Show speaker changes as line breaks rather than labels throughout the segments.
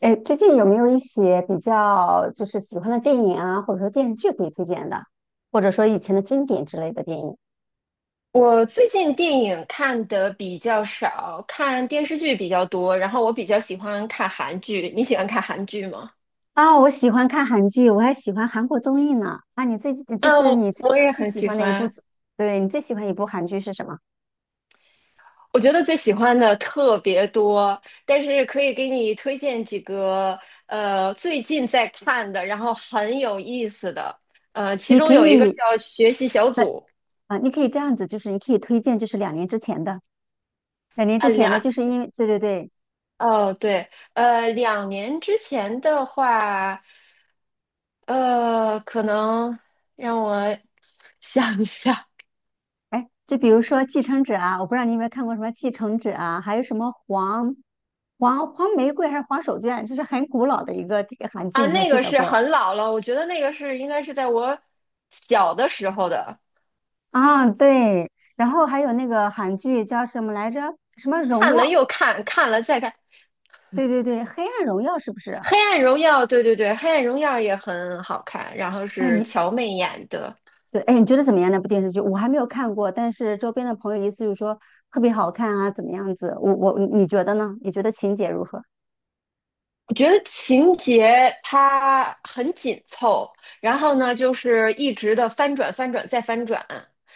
哎，最近有没有一些比较就是喜欢的电影啊，或者说电视剧可以推荐的，或者说以前的经典之类的电影？
我最近电影看的比较少，看电视剧比较多，然后我比较喜欢看韩剧。你喜欢看韩剧吗？
我喜欢看韩剧，我还喜欢韩国综艺呢。啊，你最近就
嗯，
是你最
我也
最
很
喜
喜
欢的一部
欢。
综对，你最喜欢一部韩剧是什么？
我觉得最喜欢的特别多，但是可以给你推荐几个最近在看的，然后很有意思的。其
你
中
可
有一个叫
以
《学习小
在
组》。
啊，你可以这样子，就是你可以推荐，就是两年之前的，
呃，两
就是因为
哦对，两年之前的话。呃，可能让我 想一下。
哎，就比如说《继承者》啊，我不知道你有没有看过什么《继承者》啊，还有什么黄玫瑰还是黄手绢，就是很古老的一个这个韩剧，
啊，
你还
那
记
个
得
是
不？
很老了，我觉得那个是应该是在我小的时候的，
啊，对，然后还有那个韩剧叫什么来着？什么荣
看了
耀？
又看，看了再看。
对对对，黑暗荣耀是不是？
《黑暗荣耀》，对对对，《黑暗荣耀》也很好看，然后
哎，
是
你
乔妹演的。
对，哎，你觉得怎么样？那部电视剧我还没有看过，但是周边的朋友意思就是说特别好看啊，怎么样子？我你觉得呢？你觉得情节如何？
我觉得情节它很紧凑，然后呢，就是一直的翻转、翻转再翻转，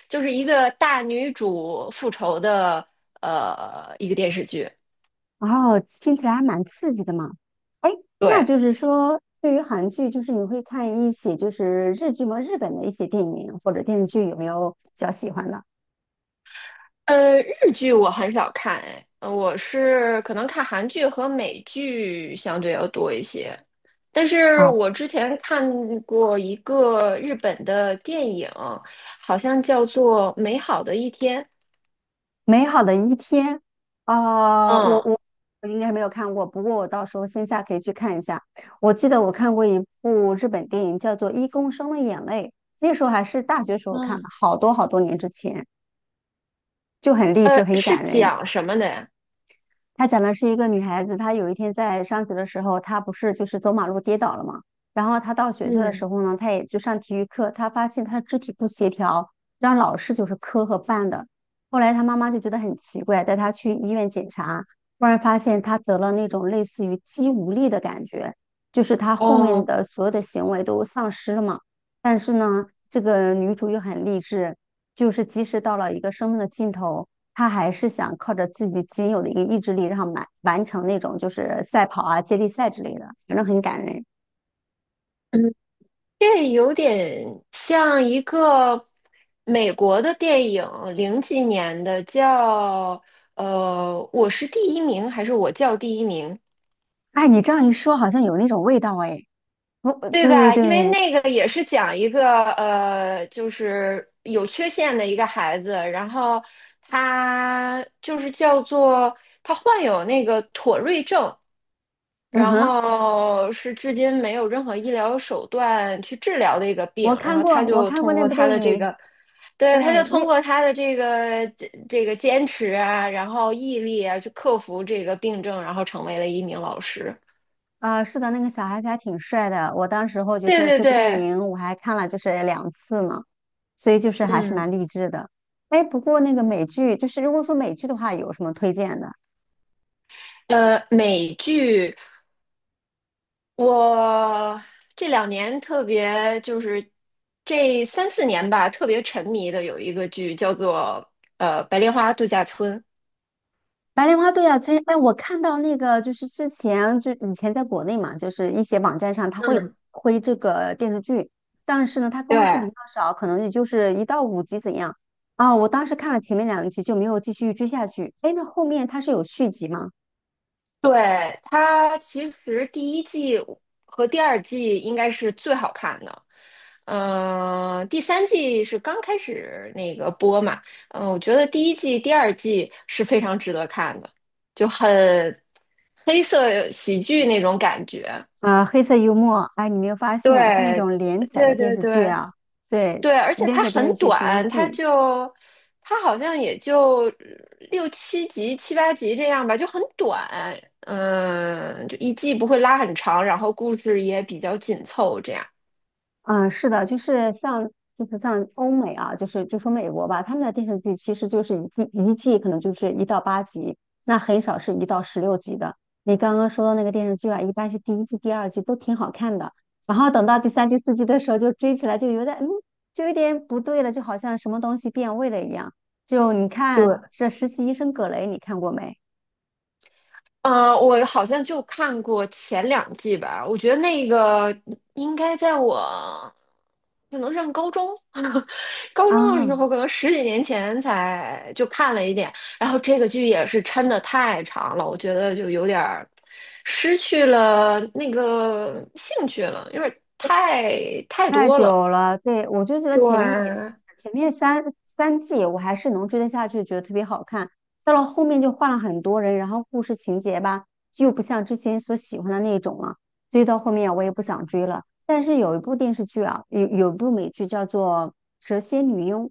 就是一个大女主复仇的一个电视剧。
哦，听起来还蛮刺激的嘛。哎，那
对。
就是说，对于韩剧，就是你会看一些就是日剧吗？日本的一些电影或者电视剧，有没有比较喜欢的？
日剧我很少看。哎，我是可能看韩剧和美剧相对要多一些。但是
啊？
我之前看过一个日本的电影，好像叫做《美好的一天》。
美好的一天》呃，我
嗯。
我我应该没有看过，不过我到时候线下可以去看一下。我记得我看过一部日本电影，叫做《一公升的眼泪》，那时候还是大学时候
嗯。
看的，好多好多年之前，就很励志，很
是
感人。
讲什么的呀？
他讲的是一个女孩子，她有一天在上学的时候，她不是就是走马路跌倒了嘛，然后她到学校的时
嗯。
候呢，她也就上体育课，她发现她的肢体不协调，让老师就是磕和绊的。后来她妈妈就觉得很奇怪，带她去医院检查，忽然发现她得了那种类似于肌无力的感觉，就是她后面
哦，
的所有的行为都丧失了嘛。但是呢，这个女主又很励志，就是即使到了一个生命的尽头。他还是想靠着自己仅有的一个意志力，然后完成那种就是赛跑啊、接力赛之类的，反正很感人。
嗯，这有点像一个美国的电影，零几年的，叫我是第一名还是我叫第一名？
哎，你这样一说，好像有那种味道哎。我，
对
对对
吧？因为
对，
那个也是讲一个就是有缺陷的一个孩子，然后他就是叫做他患有那个妥瑞症，
嗯
然
哼，
后是至今没有任何医疗手段去治疗的一个病，然后他
我
就
看过
通
那
过
部
他
电
的这
影。
个。对，他就
对，
通
那
过他的这个这个坚持啊，然后毅力啊，去克服这个病症，然后成为了一名老师。
是的，那个小孩子还挺帅的。我当时候就
对
是
对
这部电
对，
影，我还看了就是两次呢，所以就是还是
嗯。
蛮励志的。哎，不过那个美剧，就是如果说美剧的话，有什么推荐的？
美剧我这两年特别就是这三四年吧，特别沉迷的有一个剧叫做《白莲花度假村》。
白莲花，对啊，这哎，我看到那个就是之前就以前在国内嘛，就是一些网站上它会
嗯，
推这个电视剧，但是呢，它
对
更新比较少，可能也就是一到五集怎样啊。我当时看了前面两集就没有继续追下去。哎，那后面它是有续集吗？
对，它其实第一季和第二季应该是最好看的。嗯，第三季是刚开始那个播嘛。嗯、我觉得第一季、第二季是非常值得看的，就很黑色喜剧那种感觉。
黑色幽默，哎，你没有发现像那
对，
种连载的
对
电
对
视剧
对
啊？对，
对，而且
连
它
载电视
很
剧第一
短。它
季
就它好像也就六七集、七八集这样吧，就很短。嗯，就一季不会拉很长，然后故事也比较紧凑，这样。
嗯，是的，就是像欧美啊，就是就说美国吧，他们的电视剧其实就是一季可能就是一到八集，那很少是一到十六集的。你刚刚说的那个电视剧啊，一般是第一季、第二季都挺好看的，然后等到第三、第四季的时候就追起来就有点就有点不对了，就好像什么东西变味了一样。就你看
对。
这《实习医生葛雷》，你看过没？
我好像就看过前两季吧，我觉得那个应该在我可能上高中，高中的时
啊，
候，可能十几年前才就看了一点。然后这个剧也是抻的太长了，我觉得就有点儿失去了那个兴趣了，因为太
太
多了。
久了，对，我就觉得前面也
对，
是，前面三季我还是能追得下去，觉得特别好看。到了后面就换了很多人，然后故事情节吧，就不像之前所喜欢的那种了，所以到后面我也不想追了。但是有一部电视剧啊，有一部美剧叫做《蛇蝎女佣》，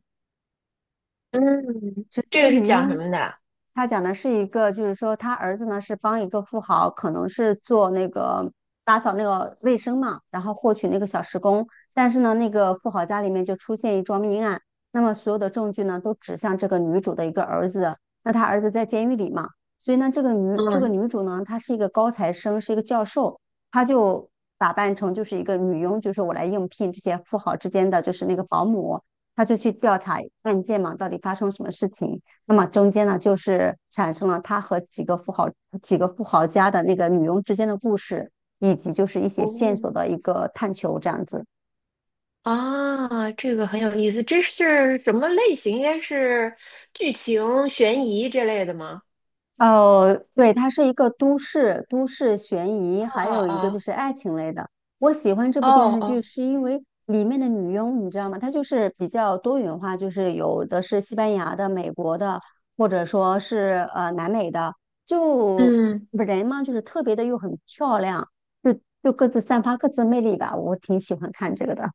嗯，
直
这
接
个是
女
讲什
佣，
么的？
她讲的是一个，就是说她儿子呢是帮一个富豪，可能是做那个打扫那个卫生嘛，然后获取那个小时工，但是呢，那个富豪家里面就出现一桩命案，那么所有的证据呢都指向这个女主的一个儿子，那她儿子在监狱里嘛，所以呢，这个
嗯，
女主呢，她是一个高材生，是一个教授，她就打扮成就是一个女佣，就是我来应聘这些富豪之间的就是那个保姆。他就去调查案件嘛，到底发生什么事情。那么中间呢，就是产生了他和几个富豪、几个富豪家的那个女佣之间的故事，以及就是一些线
哦。
索的一个探求，这样子。
啊，这个很有意思，这是什么类型？应该是剧情、悬疑这类的吗？
哦，对，它是一个都市悬疑，
哦
还有一个就
哦
是爱情类的。我喜欢这
哦
部电
哦
视剧
哦。
是因为里面的女佣，你知道吗？她就是比较多元化，就是有的是西班牙的、美国的，或者说是南美的，就
嗯，
人嘛，就是特别的又很漂亮，就就各自散发各自的魅力吧。我挺喜欢看这个的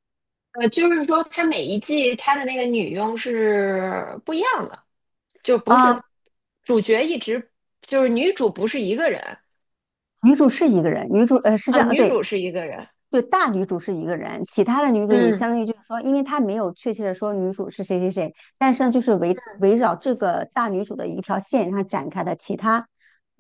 就是说它每一季它的那个女佣是不一样的，就不
啊。
是主角一直就是女主不是一个人
女主是一个人，女主是这
啊，
样，
女
对，
主是一个人。
就大女主是一个人，其他的女主也相
嗯
当于就是说，因为她没有确切的说女主是谁谁谁，但是呢，就是围绕这个大女主的一条线上展开的其他，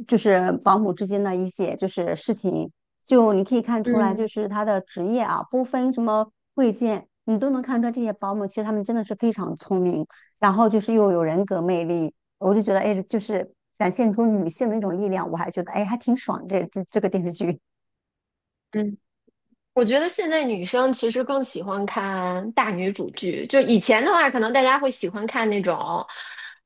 就是保姆之间的一些就是事情，就你可以看出来，就是
嗯
她的职业啊，不分什么贵贱，你都能看出来这些保姆其实她们真的是非常聪明，然后就是又有人格魅力，我就觉得哎，就是展现出女性的一种力量，我还觉得哎还挺爽这个电视剧。
嗯，我觉得现在女生其实更喜欢看大女主剧，就以前的话，可能大家会喜欢看那种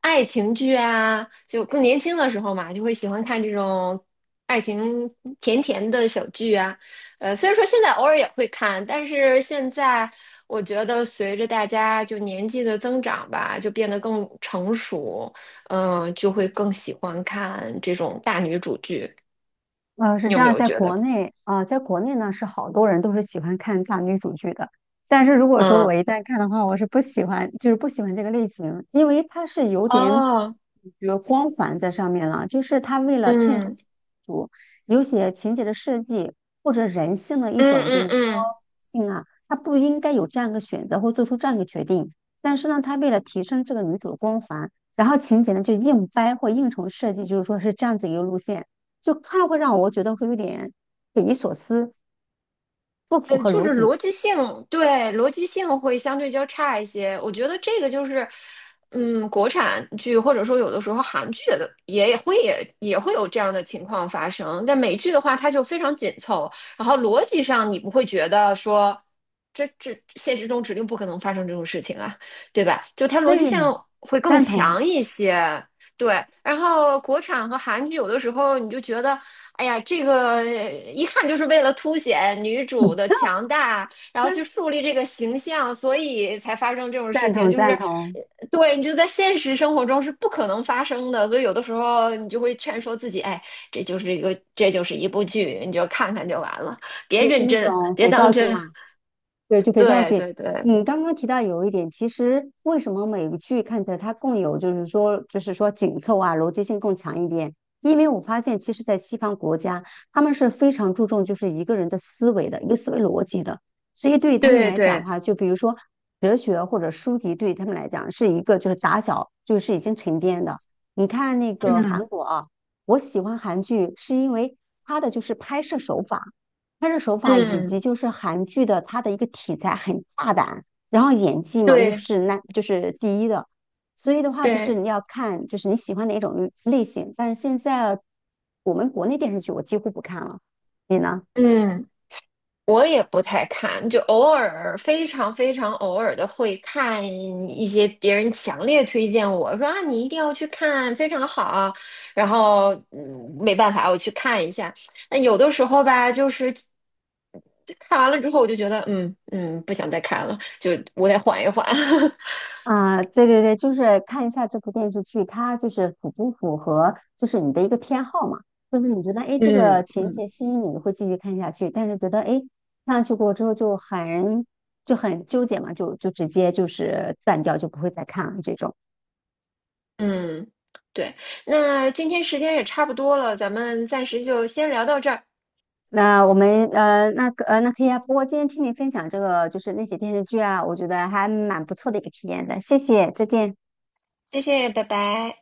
爱情剧啊，就更年轻的时候嘛，就会喜欢看这种爱情甜甜的小剧啊。虽然说现在偶尔也会看，但是现在我觉得随着大家就年纪的增长吧，就变得更成熟。嗯、就会更喜欢看这种大女主剧。
呃，是
你
这
有没
样，
有
在
觉
国
得？
内啊、在国内呢是好多人都是喜欢看大女主剧的，但是如果说
嗯，
我一旦看的话，我是不喜欢，就是不喜欢这个类型，因为它是有点，
哦，
比如光环在上面了，就是他为了衬托
嗯。
主有些情节的设计或者人性的一
嗯
种就
嗯
是说
嗯，
性啊，他不应该有这样一个选择或做出这样一个决定，但是呢，他为了提升这个女主的光环，然后情节呢就硬掰或硬重设计，就是说是这样子一个路线。就看了会让我觉得会有点匪夷所思，不符合
就
逻
是
辑。
逻辑性，对，逻辑性会相对较差一些。我觉得这个就是，嗯，国产剧或者说有的时候韩剧的也会也会有这样的情况发生。但美剧的话，它就非常紧凑，然后逻辑上你不会觉得说，这现实中指定不可能发生这种事情啊，对吧？就它逻辑性
对，
会更
赞同，
强一些。对，然后国产和韩剧有的时候你就觉得，哎呀，这个一看就是为了凸显女
嗯，
主的强大，然后去 树立这个形象，所以才发生这种事
赞
情。
同
就是，
赞
呃
同，
对，你就在现实生活中是不可能发生的，所以有的时候你就会劝说自己，哎，这就是一个，这就是一部剧，你就看看就完了，别
就是
认
那
真，
种
别
肥皂
当
剧
真。
嘛。对，就肥皂
对
剧。
对对
你刚刚提到有一点，其实为什么美剧看起来它更有，就是说，紧凑啊，逻辑性更强一点？因为我发现，其实，在西方国家，他们是非常注重就是一个人的思维的一个思维逻辑的，所以对于他们
对
来讲的
对，
话，就比如说哲学或者书籍，对于他们来讲是一个就是打小就是已经沉淀的。你看那个韩
嗯
国啊，我喜欢韩剧是因为它的就是拍摄手法。拍摄手法以
嗯，
及就是韩剧的它的一个题材很大胆，然后演技嘛又
对
是那就是第一的，所以的话就是
对，
你要看就是你喜欢哪种类型，但是现在我们国内电视剧我几乎不看了，你呢？
嗯。我也不太看，就偶尔非常非常偶尔的会看一些别人强烈推荐我说啊，你一定要去看，非常好。然后嗯，没办法，我去看一下。那有的时候吧，就是看完了之后，我就觉得嗯嗯，不想再看了，就我得缓一缓。
啊，对对对，就是看一下这部电视剧，它就是符不符合就是你的一个偏好嘛？就是你觉得哎，诶这个
嗯
情
嗯，
节吸引你，你会继续看下去；但是觉得哎，诶看下去过之后就很纠结嘛，就直接就是断掉，就不会再看了这种。
嗯，对。那今天时间也差不多了，咱们暂时就先聊到这儿，
那我们那可以啊。不过今天听你分享这个就是那些电视剧啊，我觉得还蛮不错的一个体验的。谢谢，再见。
谢谢，拜拜。